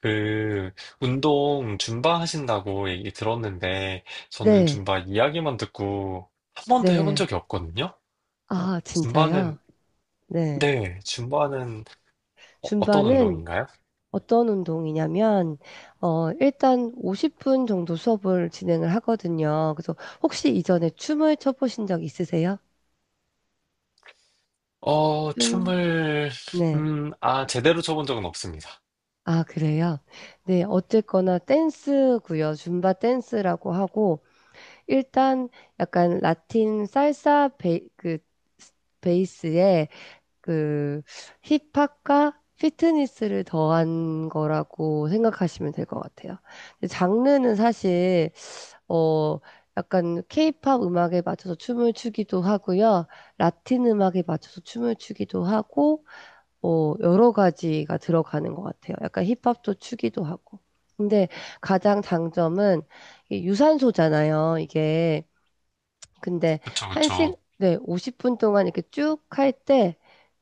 그, 운동 줌바 하신다고 얘기 들었는데, 저는 네, 줌바 이야기만 듣고 한 번도 해본 네. 적이 없거든요? 아, 줌바는, 진짜요? 네. 네, 줌바는 어, 떤 줌바는 운동인가요? 어떤 운동이냐면, 일단 50분 정도 수업을 진행을 하거든요. 그래서 혹시 이전에 춤을 춰보신 적 있으세요? 어, 춤? 춤을, 네. 제대로 춰본 적은 없습니다. 아, 그래요? 네. 어쨌거나 댄스고요. 줌바 댄스라고 하고, 일단 약간 라틴 살사 베이스에 그 힙합과 피트니스를 더한 거라고 생각하시면 될 것 같아요. 근데 장르는 사실 어 약간 케이팝 음악에 맞춰서 춤을 추기도 하고요. 라틴 음악에 맞춰서 춤을 추기도 하고 여러 가지가 들어가는 것 같아요. 약간 힙합도 추기도 하고. 근데 가장 장점은 이게 유산소잖아요. 이게 근데 그쵸, 그쵸. 네, 50분 동안 이렇게 쭉 할 때,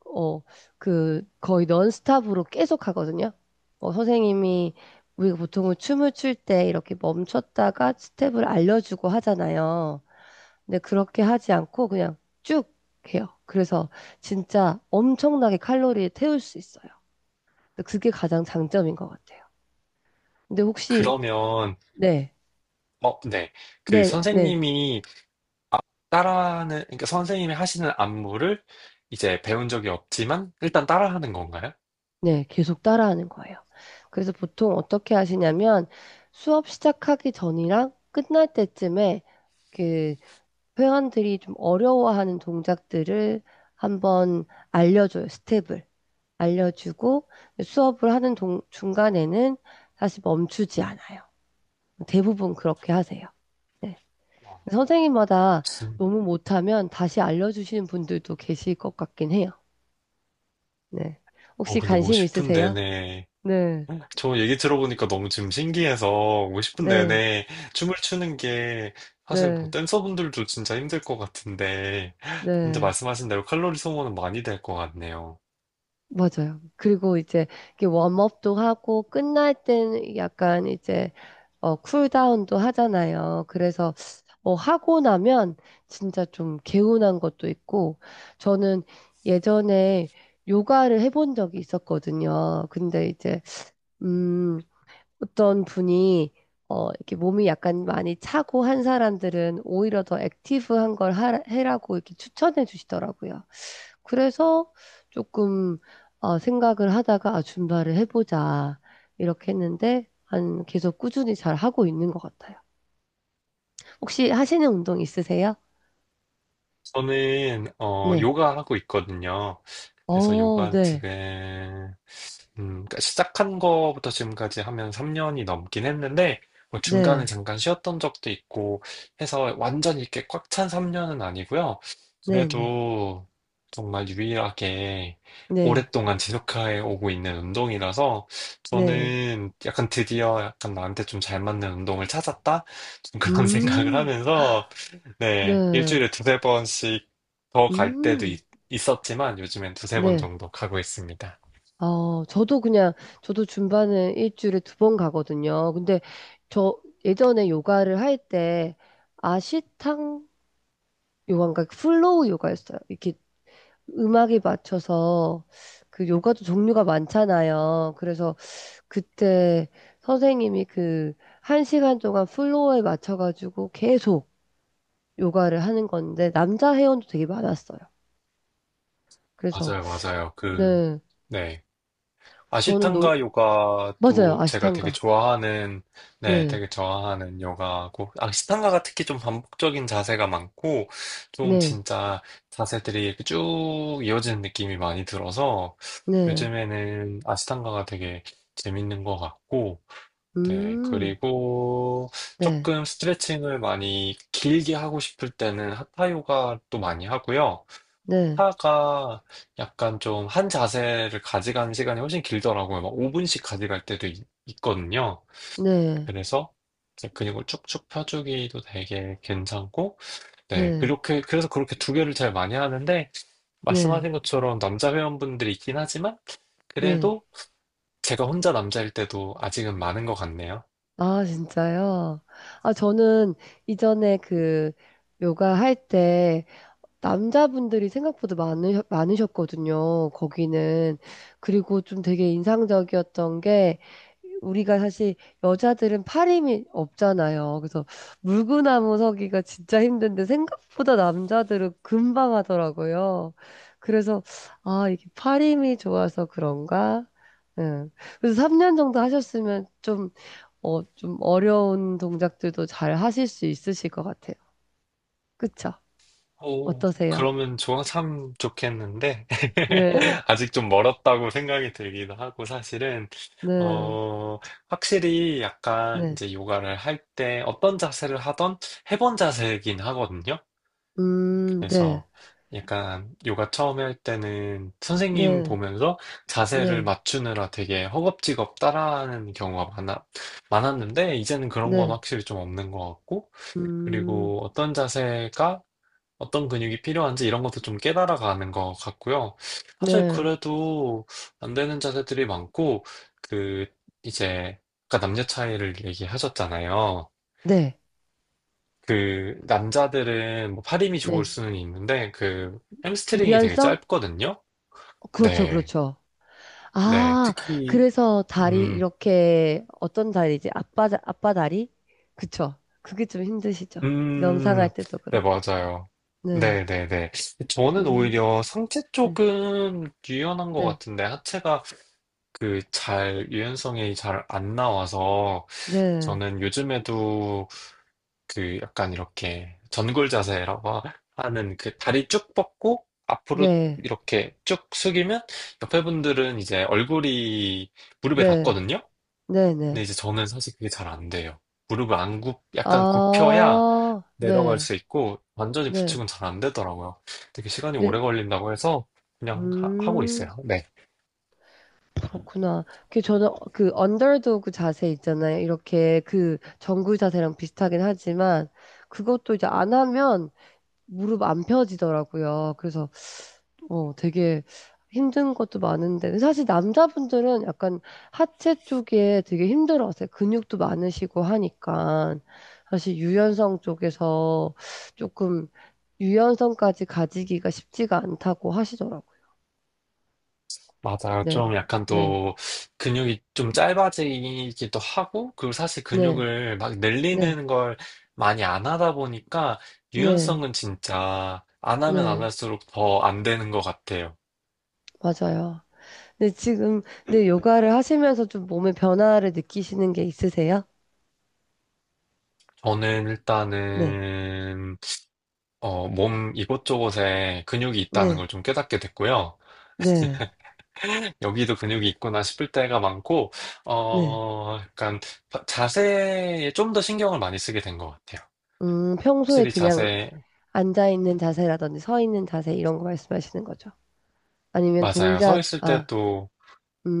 어, 그 거의 넌스탑으로 계속 하거든요. 선생님이 우리가 보통은 춤을 출 때 이렇게 멈췄다가 스텝을 알려주고 하잖아요. 근데 그렇게 하지 않고 그냥 쭉 해요. 그래서 진짜 엄청나게 칼로리를 태울 수 있어요. 근데 그게 가장 장점인 것 같아요. 근데 혹시, 그러면, 네, 어, 네. 그 네, 네. 선생님이 아, 따라하는, 그러니까 선생님이 하시는 안무를 이제 배운 적이 없지만, 일단 따라하는 건가요? 네, 계속 따라하는 거예요. 그래서 보통 어떻게 하시냐면 수업 시작하기 전이랑 끝날 때쯤에 그 회원들이 좀 어려워하는 동작들을 한번 알려줘요. 스텝을 알려주고 수업을 하는 중간에는 다시 멈추지 않아요. 대부분 그렇게 하세요. 네. 와, 선생님마다 너무 못하면 다시 알려주시는 분들도 계실 것 같긴 해요. 네. 혹시 근데 관심 50분 있으세요? 내내, 네. 저 얘기 들어보니까 너무 지금 신기해서 50분 네. 내내 춤을 추는 게 사실 뭐 네, 댄서분들도 진짜 힘들 것 같은데, 진짜 네, 말씀하신 대로 칼로리 소모는 많이 될 것 같네요. 맞아요. 그리고 이제 이게 웜업도 하고 끝날 땐 약간 이제 쿨다운도 하잖아요. 그래서 하고 나면 진짜 좀 개운한 것도 있고 저는 예전에 요가를 해본 적이 있었거든요. 근데 이제 음, 어떤 분이 이렇게 몸이 약간 많이 차고 한 사람들은 오히려 더 액티브한 걸 해라고 이렇게 추천해 주시더라고요. 그래서 조금 생각을 하다가 아, 줌바를 해보자 이렇게 했는데 한 계속 꾸준히 잘 하고 있는 것 같아요. 혹시 하시는 운동 있으세요? 저는, 어, 네. 요가 하고 있거든요. 그래서 어, 요가 네, 지금, 그러니까 시작한 거부터 지금까지 하면 3년이 넘긴 했는데, 뭐 중간에 네, 잠깐 쉬었던 적도 있고 해서 완전히 이렇게 꽉 찬 3년은 아니고요. 네, 네, 그래도 정말 유일하게 네, 오랫동안 지속해 오고 있는 운동이라서 네. 저는 약간 드디어 약간 나한테 좀 잘 맞는 운동을 찾았다? 좀 그런 생각을 음, 하면서 네, 네, 일주일에 두세 번씩 더 갈 때도 음, 있고 있었지만 요즘엔 두세 번 네. 정도 가고 있습니다. 저도 그냥 저도 줌바는 일주일에 두 번 가거든요. 근데 저 예전에 요가를 할 때 아시탕 요가인가 플로우 요가였어요. 이렇게 음악에 맞춰서 그 요가도 종류가 많잖아요. 그래서 그때 선생님이 그 한 시간 동안 플로어에 맞춰가지고 계속 요가를 하는 건데 남자 회원도 되게 많았어요. 그래서 맞아요, 맞아요. 그, 네, 네. 저는 놀 아시탄가 맞아요 요가도 제가 되게 아시탄가. 좋아하는, 네, 네, 되게 좋아하는 요가고, 아시탄가가 특히 좀 반복적인 자세가 많고, 좀 네, 진짜 자세들이 이렇게 쭉 이어지는 느낌이 많이 들어서, 네, 요즘에는 아시탄가가 되게 재밌는 것 같고, 네, 음, 그리고 네, 조금 스트레칭을 많이 길게 하고 싶을 때는 하타 요가도 많이 하고요. 네, 하타가 약간 좀 한 자세를 가져가는 시간이 훨씬 길더라고요. 막 5분씩 가져갈 때도 있, 거든요 네, 그래서 이제 근육을 쭉쭉 펴주기도 되게 괜찮고, 네, 네, 그래서 그렇게 두 개를 제일 많이 하는데, 네, 말씀하신 것처럼 남자 회원분들이 있긴 하지만, 네. 그래도 제가 혼자 남자일 때도 아직은 많은 것 같네요. 아 진짜요? 아 저는 이전에 그 요가 할때 남자분들이 생각보다 많으셨거든요. 거기는. 그리고 좀 되게 인상적이었던 게 우리가 사실 여자들은 팔힘이 없잖아요. 그래서 물구나무 서기가 진짜 힘든데 생각보다 남자들은 금방 하더라고요. 그래서 아, 이게 팔힘이 좋아서 그런가? 응. 그래서 3년 정도 하셨으면 좀, 좀 어려운 동작들도 잘 하실 수 있으실 것 같아요. 그쵸? 오, 어떠세요? 그러면 좋아, 참 좋겠는데, 네. 아직 좀 멀었다고 생각이 들기도 하고, 사실은, 네, 어, 확실히 약간 네, 이제 요가를 할 때 어떤 자세를 하던 해본 자세이긴 하거든요. 네, 그래서 약간 요가 처음에 할 때는 선생님 네, 보면서 자세를 네, 맞추느라 되게 허겁지겁 많았는데, 이제는 그런 건 네, 확실히 좀 없는 것 같고, 음, 그리고 어떤 자세가 어떤 근육이 필요한지 이런 것도 좀 깨달아가는 것 같고요. 사실 네, 그래도 안 되는 자세들이 많고, 그, 이제, 아까 남녀 차이를 얘기하셨잖아요. 네, 그, 남자들은 뭐 팔 힘이 좋을 네. 수는 있는데, 그, 햄스트링이 되게 유연성? 짧거든요? 그렇죠, 네, 그렇죠. 네. 아, 특히, 그래서 다리 음, 이렇게 어떤 다리지? 아빠 다리? 그쵸. 그게 좀 힘드시죠. 음, 명상할 때도 네, 그렇고. 맞아요. 네, 네, 네, 네. 저는 음, 오히려 상체 네, 쪽은 유연한 것 네, 같은데, 하체가 그 잘 유연성이 잘 안 나와서 네, 저는 요즘에도 그 약간 이렇게 하는 그 다리 쭉 뻗고 앞으로 네, 이렇게 쭉 숙이면 옆에 분들은 이제 얼굴이 무릎에 네, 닿거든요. 네, 근데 네. 이제 저는 사실 그게 잘 안 돼요. 무릎을 안 굽, 약간 굽혀야 아, 내려갈 네, 수 있고 완전히 네, 붙이고는 잘 안 되더라고요. 되게 시간이 네, 오래 걸린다고 해서 그냥 하고 음. 있어요. 네. 그렇구나. 그 저는 그 언더도그 자세 있잖아요. 이렇게 그 정구 자세랑 비슷하긴 하지만 그것도 이제 안 하면 무릎 안 펴지더라고요. 그래서 되게 힘든 것도 많은데 사실 남자분들은 약간 하체 쪽에 되게 힘들어하세요. 근육도 많으시고 하니까 사실 유연성 쪽에서 조금 유연성까지 가지기가 쉽지가 않다고 하시더라고요. 맞아요. 네, 좀 약간 네, 또 근육이 좀 짧아지기도 하고, 그리고 사실 네, 근육을 막 네, 늘리는 걸 많이 안 하다 보니까 네, 유연성은 진짜 안 하면 안 네. 할수록 더 안 되는 것 같아요. 맞아요. 근데 지금, 근데 요가를 하시면서 좀 몸의 변화를 느끼시는 게 있으세요? 저는 네, 일단은 어, 몸 이곳저곳에 근육이 있다는 네, 걸 좀 깨닫게 됐고요. 네, 여기도 근육이 있구나 싶을 때가 많고, 네. 어, 약간 자세에 좀 더 신경을 많이 쓰게 된 것 같아요. 평소에 확실히 그냥 자세 앉아있는 자세라든지 서 있는 자세 이런 거 말씀하시는 거죠? 아니면 맞아요. 서 동작, 있을 아, 때도,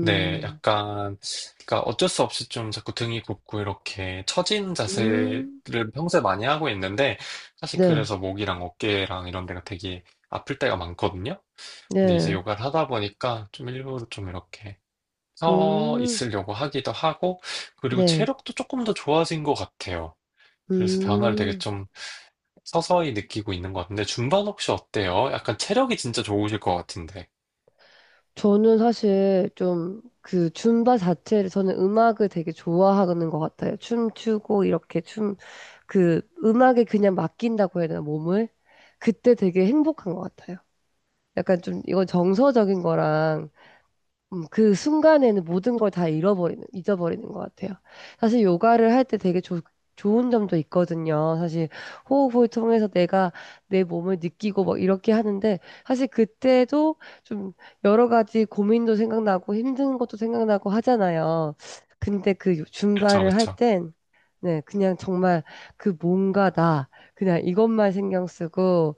네, 약간, 그러니까 어쩔 수 없이 좀 자꾸 등이 굽고 이렇게 처진 자세를 음, 평소에 많이 하고 있는데, 사실 네, 그래서 목이랑 어깨랑 이런 데가 되게 아플 때가 많거든요. 근데 이제 네, 요가를 하다 보니까 좀 일부러 좀 이렇게 서 음, 있으려고 하기도 하고, 그리고 네, 체력도 조금 더 좋아진 것 같아요. 그래서 변화를 되게 음. 좀 서서히 느끼고 있는 것 같은데, 준반 혹시 어때요? 약간 체력이 진짜 좋으실 것 같은데. 저는 사실 좀 그 줌바 자체를 저는 음악을 되게 좋아하는 것 같아요. 춤추고 이렇게 춤 그 음악에 그냥 맡긴다고 해야 되나, 몸을? 그때 되게 행복한 것 같아요. 약간 좀, 이건 정서적인 거랑 그 순간에는 모든 걸 다 잃어버리는, 잊어버리는 것 같아요. 사실 요가를 할 때 되게 좋 좋은 점도 있거든요. 사실 호흡을 통해서 내가 내 몸을 느끼고 막 이렇게 하는데 사실 그때도 좀 여러 가지 고민도 생각나고 힘든 것도 생각나고 하잖아요. 근데 그 그쵸, 줌바를 할 그쵸. 땐, 네, 그냥 정말 그 뭔가 그냥 이것만 신경 쓰고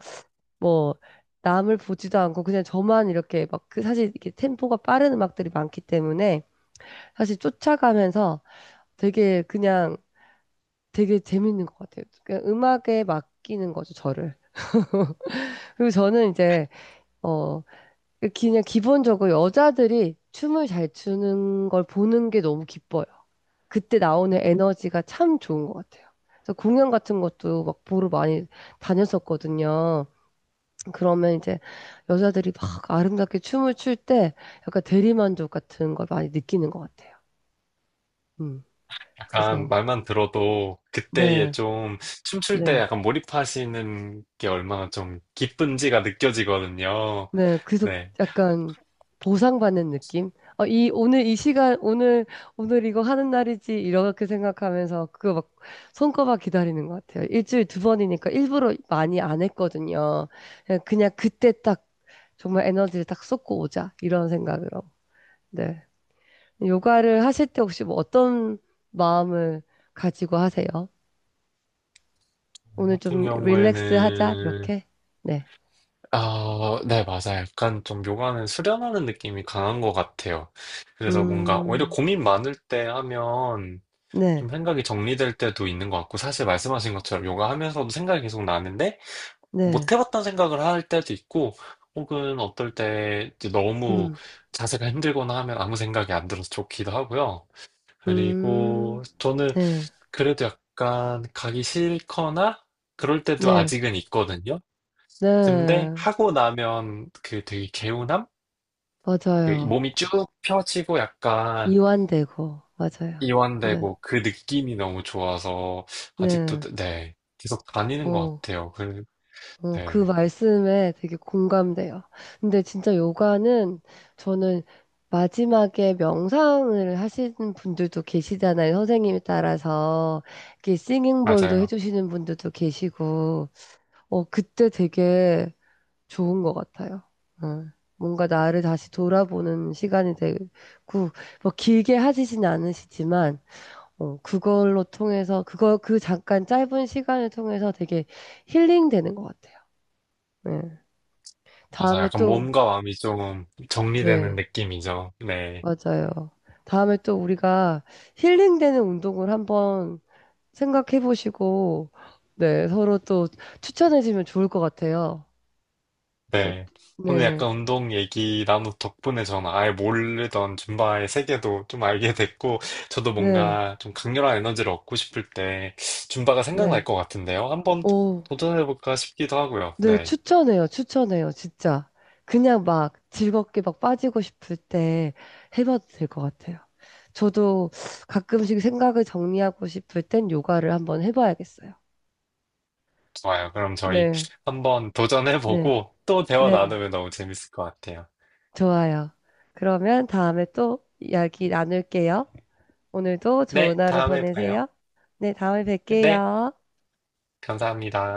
뭐 남을 보지도 않고 그냥 저만 이렇게 막 그 사실 이게 템포가 빠른 음악들이 많기 때문에 사실 쫓아가면서 되게 그냥 되게 재밌는 것 같아요. 그냥 음악에 맡기는 거죠, 저를. 그리고 저는 이제 어 그 그냥 기본적으로 여자들이 춤을 잘 추는 걸 보는 게 너무 기뻐요. 그때 나오는 에너지가 참 좋은 것 같아요. 그래서 공연 같은 것도 막 보러 많이 다녔었거든요. 그러면 이제 여자들이 막 아름답게 춤을 출 때 약간 대리만족 같은 걸 많이 느끼는 것 같아요. 음, 약간 그래서, 말만 들어도 그때에 네, 좀 춤출 때 네, 약간 몰입하시는 게 얼마나 좀 기쁜지가 느껴지거든요. 네. 그래서 네. 약간 보상받는 느낌? 오늘 이 시간, 오늘 이거 하는 날이지, 이렇게 생각하면서 그거 막 손꼽아 기다리는 것 같아요. 일주일 두 번이니까 일부러 많이 안 했거든요. 그냥 그냥 그때 딱 정말 에너지를 딱 쏟고 오자, 이런 생각으로. 네. 요가를 하실 때 혹시 뭐 어떤 마음을 가지고 하세요? 저 오늘 같은 좀 릴렉스 하자, 경우에는, 이렇게? 네. 아, 네, 맞아요. 약간 좀 요가는 수련하는 느낌이 강한 것 같아요. 그래서 뭔가 오히려 음, 고민 많을 때 하면 좀 네, 생각이 정리될 때도 있는 것 같고, 사실 말씀하신 것처럼 요가 하면서도 생각이 계속 나는데, 네, 못 해봤던 생각을 할 때도 있고, 혹은 어떨 때 이제 너무 음, 자세가 힘들거나 하면 아무 생각이 안 들어서 좋기도 하고요. 음, 그리고 저는 네, 그래도 약간 가기 싫거나 그럴 때도 네, 아직은 있거든요. 근데 네, 하고 나면 그 되게 개운함? 그 맞아요. 몸이 쭉 펴지고 약간 이완되고, 맞아요. 네, 이완되고 그 느낌이 너무 좋아서 아직도, 네, 네, 계속 다니는 것 어. 같아요. 그, 그 네, 말씀에 되게 공감돼요. 근데 진짜 요가는 저는 마지막에 명상을 하시는 분들도 계시잖아요. 선생님에 따라서. 이렇게 싱잉볼도 맞아요. 해주시는 분들도 계시고. 그때 되게 좋은 것 같아요. 어, 뭔가 나를 다시 돌아보는 시간이 되고, 뭐 길게 하시진 않으시지만, 그걸로 통해서, 그 잠깐 짧은 시간을 통해서 되게 힐링되는 것 같아요. 네. 맞아. 다음에 약간 또, 몸과 마음이 좀 정리되는 네, 느낌이죠. 네. 맞아요. 다음에 또 우리가 힐링되는 운동을 한번 생각해 보시고, 네, 서로 또 추천해 주면 좋을 것 같아요. 어, 네. 오늘 네, 약간 운동 얘기 나누 덕분에 저는 아예 모르던 줌바의 세계도 좀 알게 됐고, 저도 네, 뭔가 좀 강렬한 에너지를 얻고 싶을 때 줌바가 생각날 네. 것 같은데요. 한번 오, 도전해볼까 싶기도 하고요. 네, 네. 추천해요, 추천해요, 진짜. 그냥 막 즐겁게 막 빠지고 싶을 때 해봐도 될 것 같아요. 저도 가끔씩 생각을 정리하고 싶을 땐 요가를 한번 해봐야겠어요. 좋아요. 그럼 저희 네, 한번 네, 도전해보고 또 대화 네. 나누면 너무 재밌을 것 같아요. 좋아요. 그러면 다음에 또 이야기 나눌게요. 오늘도 네. 좋은 하루 다음에 봐요. 보내세요. 네, 다음에 네. 뵐게요. 감사합니다.